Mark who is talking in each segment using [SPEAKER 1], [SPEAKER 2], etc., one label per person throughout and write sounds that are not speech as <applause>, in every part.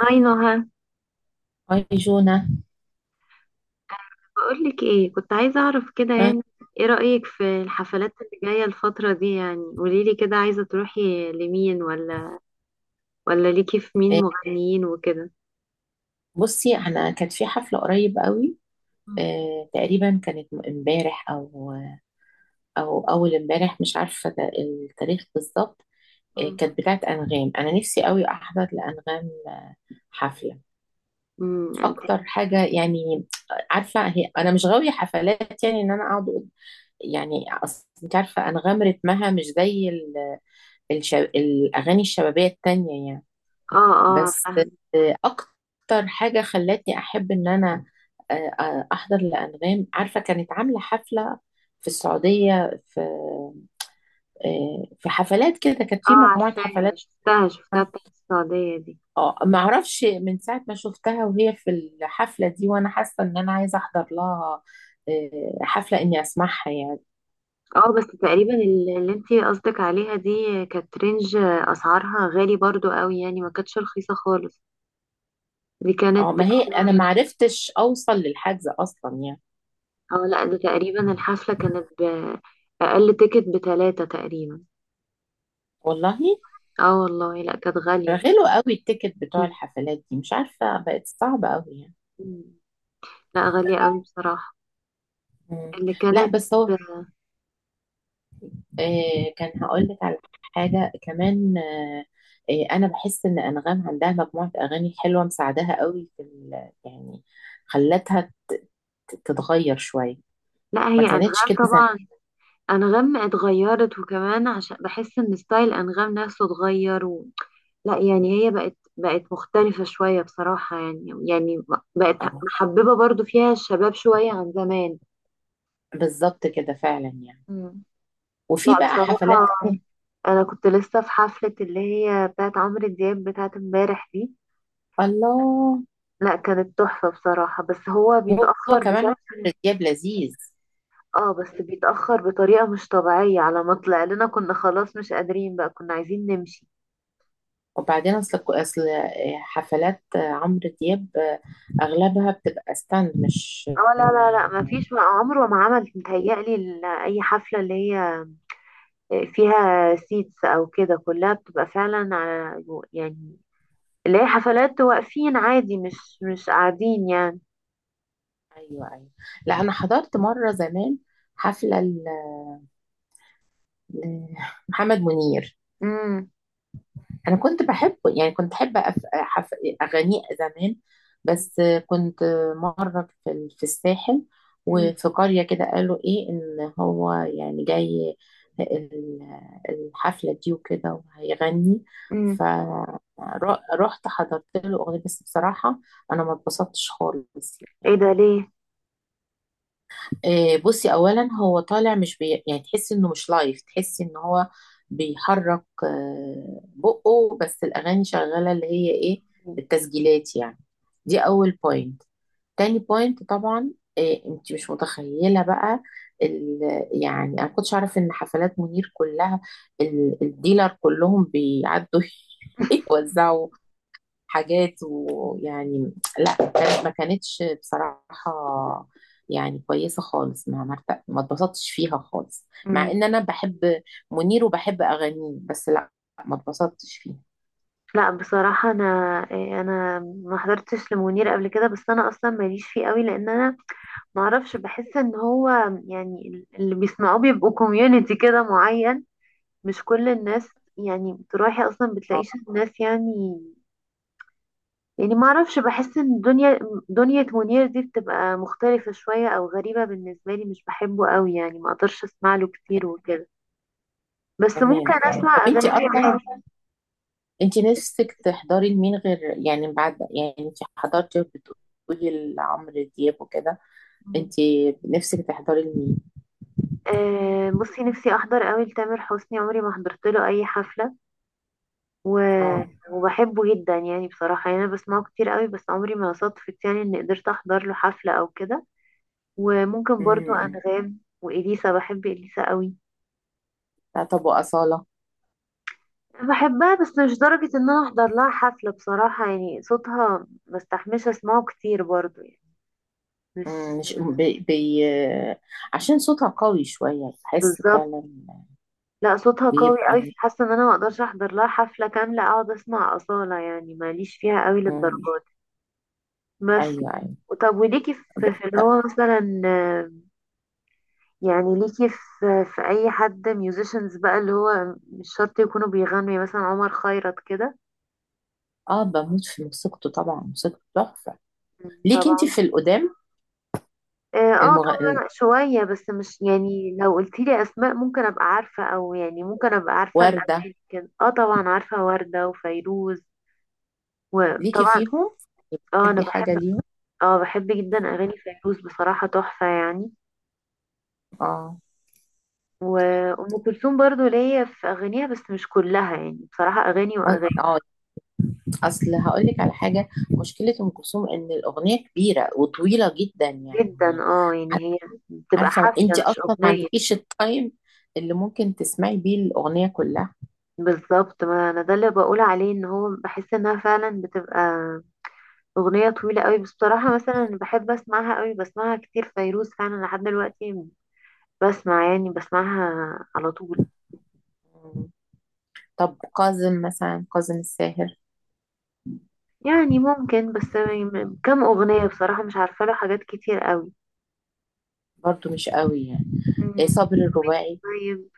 [SPEAKER 1] هاي نهى.
[SPEAKER 2] هاي جونا.
[SPEAKER 1] بقولك ايه، كنت عايزة اعرف كده
[SPEAKER 2] ها.
[SPEAKER 1] يعني. ايه رأيك في الحفلات اللي جاية الفترة دي؟ يعني قوليلي كده، عايزة تروحي لمين، ولا ليكي في مين
[SPEAKER 2] آه،
[SPEAKER 1] مغنيين وكده؟
[SPEAKER 2] بصي انا كانت في حفله قريب قوي.
[SPEAKER 1] مم.
[SPEAKER 2] تقريبا كانت امبارح او اول امبارح، مش عارفه ده التاريخ بالظبط.
[SPEAKER 1] مم.
[SPEAKER 2] كانت بتاعت انغام، انا نفسي قوي احضر لانغام حفله،
[SPEAKER 1] انت.
[SPEAKER 2] اكتر حاجه يعني. عارفه، هي انا مش غاويه حفلات، يعني ان انا اقعد يعني أصل انت عارفه انغام رتمها مش زي الاغاني الشبابيه التانيه يعني.
[SPEAKER 1] اه اه
[SPEAKER 2] بس
[SPEAKER 1] فاهمة.
[SPEAKER 2] اكتر حاجه خلتني احب ان انا آه، احضر لانغام، عارفه كانت عامله حفله في السعوديه، في حفلات كده، كانت
[SPEAKER 1] اه
[SPEAKER 2] في مجموعه
[SPEAKER 1] عارفاها،
[SPEAKER 2] حفلات.
[SPEAKER 1] شفتها بتاعت السعودية دي.
[SPEAKER 2] اه ما اعرفش من ساعه ما شفتها وهي في الحفله دي، وانا حاسه ان انا عايزه احضر لها حفله اني اسمعها يعني.
[SPEAKER 1] اه بس تقريبا اللي انت قصدك عليها دي، كانت رينج اسعارها غالي برضو قوي يعني، ما كانتش رخيصة خالص. دي كانت
[SPEAKER 2] اه ما هي انا ما عرفتش اوصل للحجز اصلا يعني.
[SPEAKER 1] اه لا، ده تقريبا الحفلة كانت بأقل تيكت بتلاتة تقريبا.
[SPEAKER 2] والله
[SPEAKER 1] اه والله، لا كانت غالية.
[SPEAKER 2] غلوا قوي التيكت بتوع
[SPEAKER 1] مم.
[SPEAKER 2] الحفلات دي، مش عارفه بقت صعبه قوي يعني.
[SPEAKER 1] مم. لا غالية قوي بصراحة.
[SPEAKER 2] مم.
[SPEAKER 1] اللي
[SPEAKER 2] لا
[SPEAKER 1] كانت
[SPEAKER 2] بس هو كان هقول لك على حاجة كمان أنا بحس إن أنغام عندها مجموعة أغاني حلوة مساعدها قوي في يعني خلتها ت- تتغير شوية،
[SPEAKER 1] لا
[SPEAKER 2] ما
[SPEAKER 1] هي
[SPEAKER 2] كانتش
[SPEAKER 1] أنغام.
[SPEAKER 2] كده زمان.
[SPEAKER 1] طبعا، أنغام اتغيرت، وكمان عشان بحس إن ستايل أنغام نفسه اتغير و. لا، يعني هي بقت مختلفة شوية بصراحة، يعني بقت
[SPEAKER 2] اه
[SPEAKER 1] محببة برضو فيها الشباب شوية عن زمان.
[SPEAKER 2] بالظبط كده فعلا يعني.
[SPEAKER 1] مم. لا
[SPEAKER 2] وفي بقى
[SPEAKER 1] بصراحة،
[SPEAKER 2] حفلات تانية.
[SPEAKER 1] انا كنت لسه في حفلة اللي هي بتاعت عمرو دياب بتاعت امبارح دي.
[SPEAKER 2] الله.
[SPEAKER 1] لا، كانت تحفة بصراحة، بس هو
[SPEAKER 2] هو
[SPEAKER 1] بيتأخر
[SPEAKER 2] كمان عمرو
[SPEAKER 1] بشكل.
[SPEAKER 2] دياب لذيذ.
[SPEAKER 1] اه بس بيتأخر بطريقة مش طبيعية، على ما طلع لنا كنا خلاص مش قادرين بقى، كنا عايزين نمشي.
[SPEAKER 2] وبعدين أصل حفلات عمرو دياب أغلبها بتبقى ستاند، مش
[SPEAKER 1] اه لا لا لا،
[SPEAKER 2] آه،
[SPEAKER 1] ما فيش عمره ما عمل متهيألي اي حفلة اللي هي فيها سيتس او كده، كلها بتبقى فعلا على يعني اللي هي حفلات واقفين عادي، مش قاعدين يعني.
[SPEAKER 2] ايوه ايوه. لا انا حضرت مره زمان حفله لمحمد منير.
[SPEAKER 1] امم.
[SPEAKER 2] انا كنت بحبه يعني، كنت بحب اغانيه زمان. بس كنت مره في في الساحل وفي قريه كده، قالوا ايه ان هو يعني جاي ال- الحفله دي وكده وهيغني.
[SPEAKER 1] امم.
[SPEAKER 2] فرحت حضرت له اغنيه، بس بصراحه انا ما اتبسطتش خالص
[SPEAKER 1] ايه
[SPEAKER 2] يعني.
[SPEAKER 1] ده ليه؟
[SPEAKER 2] بصي، اولا هو طالع مش يعني تحس انه مش لايف، تحس ان هو بيحرك بقه، بس الاغاني شغاله، اللي هي ايه، التسجيلات يعني. دي اول بوينت. تاني بوينت طبعا إيه، انت مش متخيله بقى ال... يعني انا كنتش اعرف ان حفلات منير كلها الديلر كلهم بيعدوا
[SPEAKER 1] <laughs>
[SPEAKER 2] <laughs> يوزعوا حاجات ويعني. لا كانت، ما كانتش بصراحة يعني كويسة خالص، ما ما اتبسطتش فيها خالص، مع
[SPEAKER 1] مم.
[SPEAKER 2] ان انا بحب منير وبحب اغانيه، بس لا، ما اتبسطتش فيها.
[SPEAKER 1] لا بصراحة، أنا إيه، أنا ما حضرتش لمنير قبل كده، بس أنا أصلا ماليش فيه قوي لأن أنا ما أعرفش، بحس إن هو يعني اللي بيسمعوه بيبقوا كوميونيتي كده معين، مش كل الناس يعني. بتروحي أصلا
[SPEAKER 2] اه
[SPEAKER 1] بتلاقيش الناس يعني. يعني ما أعرفش، بحس إن دنيا منير دي بتبقى مختلفة شوية أو غريبة بالنسبة لي، مش بحبه قوي يعني، ما أقدرش أسمع له كتير وكده. بس ممكن
[SPEAKER 2] تمام تمام. طب
[SPEAKER 1] أسمع
[SPEAKER 2] انت
[SPEAKER 1] أغاني
[SPEAKER 2] اصلا، انت نفسك تحضري لمين غير، يعني بعد، يعني انت حضرتي بتقولي لعمرو دياب وكده،
[SPEAKER 1] عادي.
[SPEAKER 2] انت نفسك تحضري لمين؟
[SPEAKER 1] بصي نفسي احضر قوي لتامر حسني، عمري ما حضرت له اي حفله، و...
[SPEAKER 2] اه.
[SPEAKER 1] وبحبه جدا يعني بصراحه، يعني انا بسمعه كتير قوي، بس عمري ما صدفت يعني اني قدرت احضر له حفله او كده. وممكن برضو
[SPEAKER 2] امم
[SPEAKER 1] انغام واليسا، بحب اليسا قوي.
[SPEAKER 2] لا، طب وأصالة؟
[SPEAKER 1] بحبها بس مش درجه ان انا احضر لها حفله بصراحه يعني، صوتها ما استحملش اسمعه كتير برضو يعني، مش
[SPEAKER 2] مش بي، عشان صوتها قوي شوية بحس
[SPEAKER 1] بالظبط.
[SPEAKER 2] فعلا.
[SPEAKER 1] لا صوتها قوي قوي،
[SPEAKER 2] بيبقى
[SPEAKER 1] فحاسه ان انا ما اقدرش احضر لها حفله كامله اقعد اسمع اصاله يعني، ماليش فيها قوي للدرجه.
[SPEAKER 2] مم،
[SPEAKER 1] بس
[SPEAKER 2] أيوه أيوه.
[SPEAKER 1] طب، وليكي
[SPEAKER 2] ب-
[SPEAKER 1] في اللي هو مثلا، يعني ليكي في اي حد ميوزيشنز بقى اللي هو مش شرط يكونوا بيغنوا، يعني مثلا عمر خيرت كده.
[SPEAKER 2] اه بموت في موسيقته طبعا، موسيقته تحفة. ليكي انت
[SPEAKER 1] طبعا.
[SPEAKER 2] في القدام؟
[SPEAKER 1] اه
[SPEAKER 2] المغ...
[SPEAKER 1] طبعا شوية، بس مش يعني. لو قلتيلي اسماء ممكن ابقى عارفة، او يعني ممكن ابقى عارفة
[SPEAKER 2] الوردة،
[SPEAKER 1] الاغاني كده. اه طبعا عارفة وردة وفيروز،
[SPEAKER 2] ليكي
[SPEAKER 1] وطبعا.
[SPEAKER 2] فيهم،
[SPEAKER 1] اه انا
[SPEAKER 2] بتحبي حاجة
[SPEAKER 1] بحب،
[SPEAKER 2] ليهم؟
[SPEAKER 1] اه بحب جدا اغاني فيروز بصراحة تحفة يعني.
[SPEAKER 2] اه
[SPEAKER 1] وأم كلثوم برضو ليا في أغانيها بس مش كلها يعني، بصراحة أغاني
[SPEAKER 2] اه.
[SPEAKER 1] وأغاني.
[SPEAKER 2] اصل هقول لك على حاجة، مشكلة ام كلثوم ان الأغنية كبيرة وطويلة جدا
[SPEAKER 1] جدا
[SPEAKER 2] يعني.
[SPEAKER 1] اه، يعني هي بتبقى
[SPEAKER 2] عارفة
[SPEAKER 1] حفلة
[SPEAKER 2] انت اصلا
[SPEAKER 1] مش
[SPEAKER 2] ما
[SPEAKER 1] أغنية.
[SPEAKER 2] عندكيش التايم اللي ممكن تسمعي بيه الأغنية كلها.
[SPEAKER 1] بالظبط، ما أنا ده اللي بقول عليه، إن هو بحس إنها فعلا بتبقى أغنية طويلة قوي. بس بصراحة مثلا بحب أسمعها قوي، بسمعها كتير فيروز فعلا لحد دلوقتي، بسمع يعني بسمعها على طول.
[SPEAKER 2] طب كاظم مثلا، كاظم الساهر؟
[SPEAKER 1] يعني ممكن، بس كم أغنية بصراحة مش عارفة له حاجات كتير قوي.
[SPEAKER 2] برضو مش قوي يعني. إيه
[SPEAKER 1] مم.
[SPEAKER 2] صابر الرباعي؟
[SPEAKER 1] طيب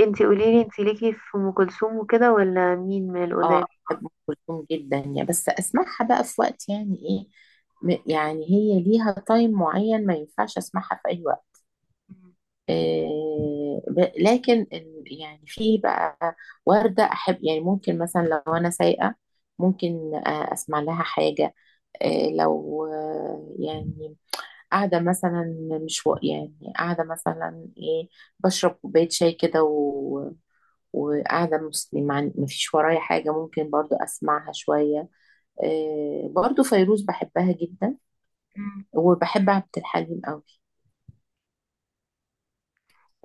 [SPEAKER 1] انتي قوليلي، انتي ليكي في ام كلثوم وكده ولا مين من القدام؟
[SPEAKER 2] اه بحب ام كلثوم جدا يعني، بس اسمعها بقى في وقت يعني ايه، يعني هي ليها تايم معين، ما ينفعش اسمعها في اي وقت. إيه لكن يعني في بقى وردة احب يعني، ممكن مثلا لو انا سايقة ممكن اسمع لها حاجة. إيه، لو يعني قاعدة مثلا، مش يعني قاعدة مثلا ايه، بشرب كوباية شاي كده، و... وقاعدة مسلمة مفيش ورايا حاجة، ممكن برضو أسمعها شوية. إيه برضو فيروز بحبها جدا،
[SPEAKER 1] مم.
[SPEAKER 2] وبحب عبد الحليم قوي.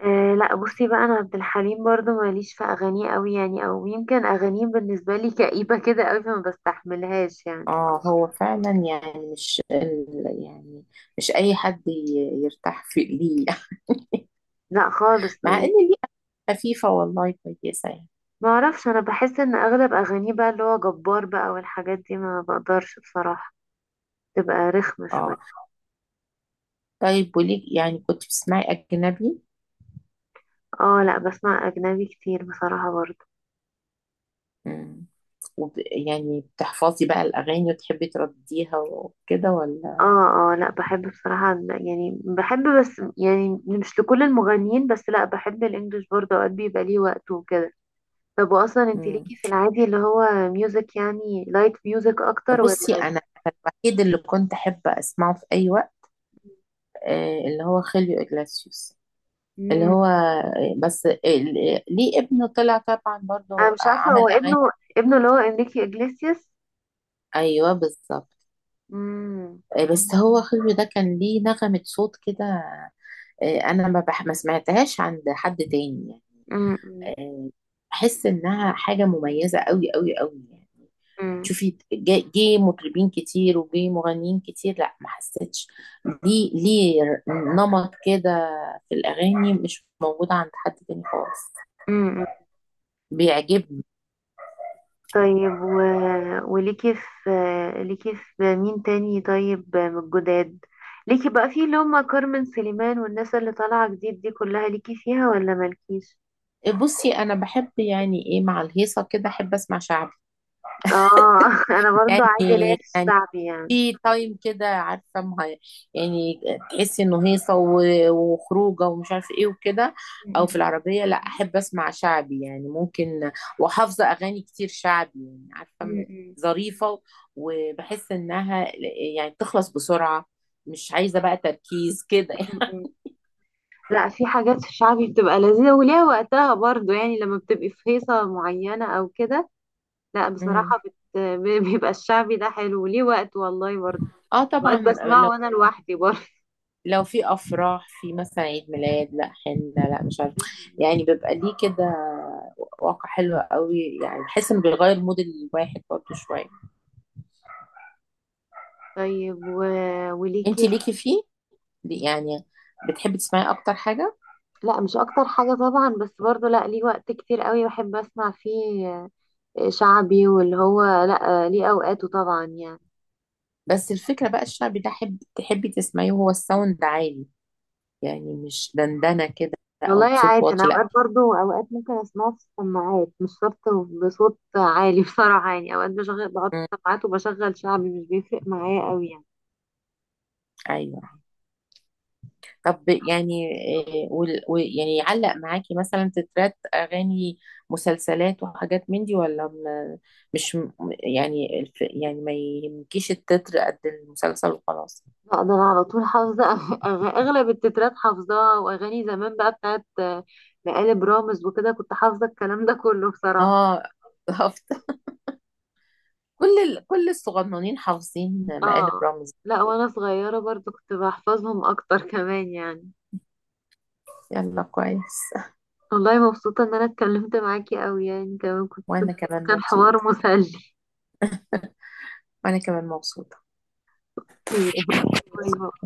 [SPEAKER 1] آه لا بصي بقى، انا عبد الحليم برضو ماليش في اغانيه قوي يعني، او يمكن اغانيه بالنسبه لي كئيبه كده قوي فما بستحملهاش يعني.
[SPEAKER 2] اه هو فعلا يعني، مش يعني مش أي حد يرتاح في ليه.
[SPEAKER 1] لا
[SPEAKER 2] <laughs>
[SPEAKER 1] خالص
[SPEAKER 2] مع إن
[SPEAKER 1] ليه.
[SPEAKER 2] ليه خفيفة والله، كويسة يعني.
[SPEAKER 1] ما اعرفش، انا بحس ان اغلب اغانيه بقى اللي هو جبار بقى والحاجات دي، ما بقدرش بصراحه تبقى رخمه شويه.
[SPEAKER 2] اه طيب، وليك يعني كنت بتسمعي أجنبي؟
[SPEAKER 1] اه لا، بسمع اجنبي كتير بصراحه برضو.
[SPEAKER 2] وب... يعني بتحفظي بقى الأغاني وتحبي ترديها وكده ولا؟
[SPEAKER 1] اه اه، لا بحب بصراحة يعني بحب، بس يعني مش لكل المغنيين، بس لا بحب الانجليش برضه اوقات بيبقى ليه وقته وكده. طب واصلا انت
[SPEAKER 2] مم.
[SPEAKER 1] ليكي في العادي اللي هو ميوزك، يعني لايت ميوزك اكتر
[SPEAKER 2] بصي
[SPEAKER 1] ولا؟
[SPEAKER 2] أنا الوحيد اللي كنت أحب أسمعه في أي وقت اللي هو خيليو إجلاسيوس. اللي
[SPEAKER 1] امم،
[SPEAKER 2] هو بس ليه ابنه طلع طبعا
[SPEAKER 1] انا
[SPEAKER 2] برضه
[SPEAKER 1] مش عارفة هو
[SPEAKER 2] عمل أغاني.
[SPEAKER 1] ابنه. ابنه اللي هو انريكي اجليسياس.
[SPEAKER 2] أيوه بالظبط.
[SPEAKER 1] امم.
[SPEAKER 2] بس هو خيليو ده كان ليه نغمة صوت كده، أنا ما سمعتهاش عند حد تاني يعني.
[SPEAKER 1] امم.
[SPEAKER 2] آه، بحس إنها حاجة مميزة أوي أوي أوي يعني. شوفي جه مطربين كتير وجه مغنيين كتير، لا ما حسيتش ليه نمط كده في الأغاني مش موجود عند حد تاني خالص.
[SPEAKER 1] امم.
[SPEAKER 2] بيعجبني.
[SPEAKER 1] طيب وليكي في، ليكي في مين تاني طيب من الجداد؟ ليكي بقى في اللي هم كارمن سليمان والناس اللي طالعة جديد دي كلها، ليكي فيها ولا مالكيش؟
[SPEAKER 2] بصي أنا بحب يعني إيه، مع الهيصة كده أحب أسمع شعبي.
[SPEAKER 1] اه
[SPEAKER 2] <laughs>
[SPEAKER 1] <laughs> انا برضو عادي ليا
[SPEAKER 2] يعني
[SPEAKER 1] في
[SPEAKER 2] يعني
[SPEAKER 1] الشعبي يعني.
[SPEAKER 2] في تايم كده، عارفه يعني تحسي انه هيصه وخروجه ومش عارفه ايه وكده. او في
[SPEAKER 1] م-
[SPEAKER 2] العربيه لا احب اسمع شعبي يعني، ممكن وحافظه اغاني كتير شعبي يعني، عارفه
[SPEAKER 1] م-
[SPEAKER 2] ظريفه، وبحس انها يعني تخلص بسرعه، مش عايزه بقى تركيز كده.
[SPEAKER 1] م- م. لا في حاجات في الشعبي بتبقى لذيذة وليها وقتها برضو يعني، لما بتبقي في هيصة معينة او كده. لا
[SPEAKER 2] امم
[SPEAKER 1] بصراحة <laughs> بيبقى الشعبي ده حلو وليه وقت والله برضو.
[SPEAKER 2] اه طبعا.
[SPEAKER 1] وقت بسمعه
[SPEAKER 2] لو
[SPEAKER 1] وانا لوحدي
[SPEAKER 2] لو في افراح، في مثلا عيد ميلاد، لا حنه، لا مش عارفه.
[SPEAKER 1] برضو.
[SPEAKER 2] يعني بيبقى ليه كده واقع حلو قوي يعني، بحس انه بيغير مود الواحد برضه شويه.
[SPEAKER 1] طيب و...
[SPEAKER 2] انت
[SPEAKER 1] وليكي
[SPEAKER 2] ليكي فيه، يعني بتحبي تسمعي اكتر حاجه؟
[SPEAKER 1] لا مش اكتر حاجة طبعا، بس برضو لا ليه وقت كتير قوي بحب اسمع فيه. شعبي واللي هو، لا ليه اوقاته طبعا يعني.
[SPEAKER 2] بس الفكره بقى الشعبي ده حب تحبي تسمعيه وهو الساوند عالي؟ يعني مش دندنه كده او
[SPEAKER 1] والله
[SPEAKER 2] بصوت
[SPEAKER 1] عادي، انا
[SPEAKER 2] واطي، لا.
[SPEAKER 1] اوقات برضو اوقات ممكن اسمعه في السماعات مش شرط بصوت عالي <laughs> بصراحة يعني. اوقات بشغل، بحط
[SPEAKER 2] مم،
[SPEAKER 1] السماعات وبشغل شعبي مش بيفرق معايا قوي يعني.
[SPEAKER 2] ايوه. طب يعني إيه، ويعني يعلق معاكي مثلا تترات اغاني مسلسلات وحاجات من دي، ولا مش يعني يعني ما يهمكيش التتر قد المسلسل وخلاص؟
[SPEAKER 1] لا ده انا على طول حافظة <laughs> اغلب التترات حافظاها، واغاني زمان بقى بتاعت مقالب رامز وكده، كنت حافظة الكلام ده كله بصراحة.
[SPEAKER 2] اه <laughs> كل كل الصغننين حافظين مقالب
[SPEAKER 1] اه
[SPEAKER 2] رمزي.
[SPEAKER 1] لا، وانا صغيرة برضو كنت بحفظهم اكتر كمان يعني.
[SPEAKER 2] يلا كويس.
[SPEAKER 1] والله مبسوطة ان انا اتكلمت معاكي اوي يعني، كمان كنت
[SPEAKER 2] وانا كمان
[SPEAKER 1] كان
[SPEAKER 2] مبسوطة.
[SPEAKER 1] حوار مسلي.
[SPEAKER 2] وانا كمان مبسوطة.
[SPEAKER 1] <laughs> باي باي.
[SPEAKER 2] <laughs>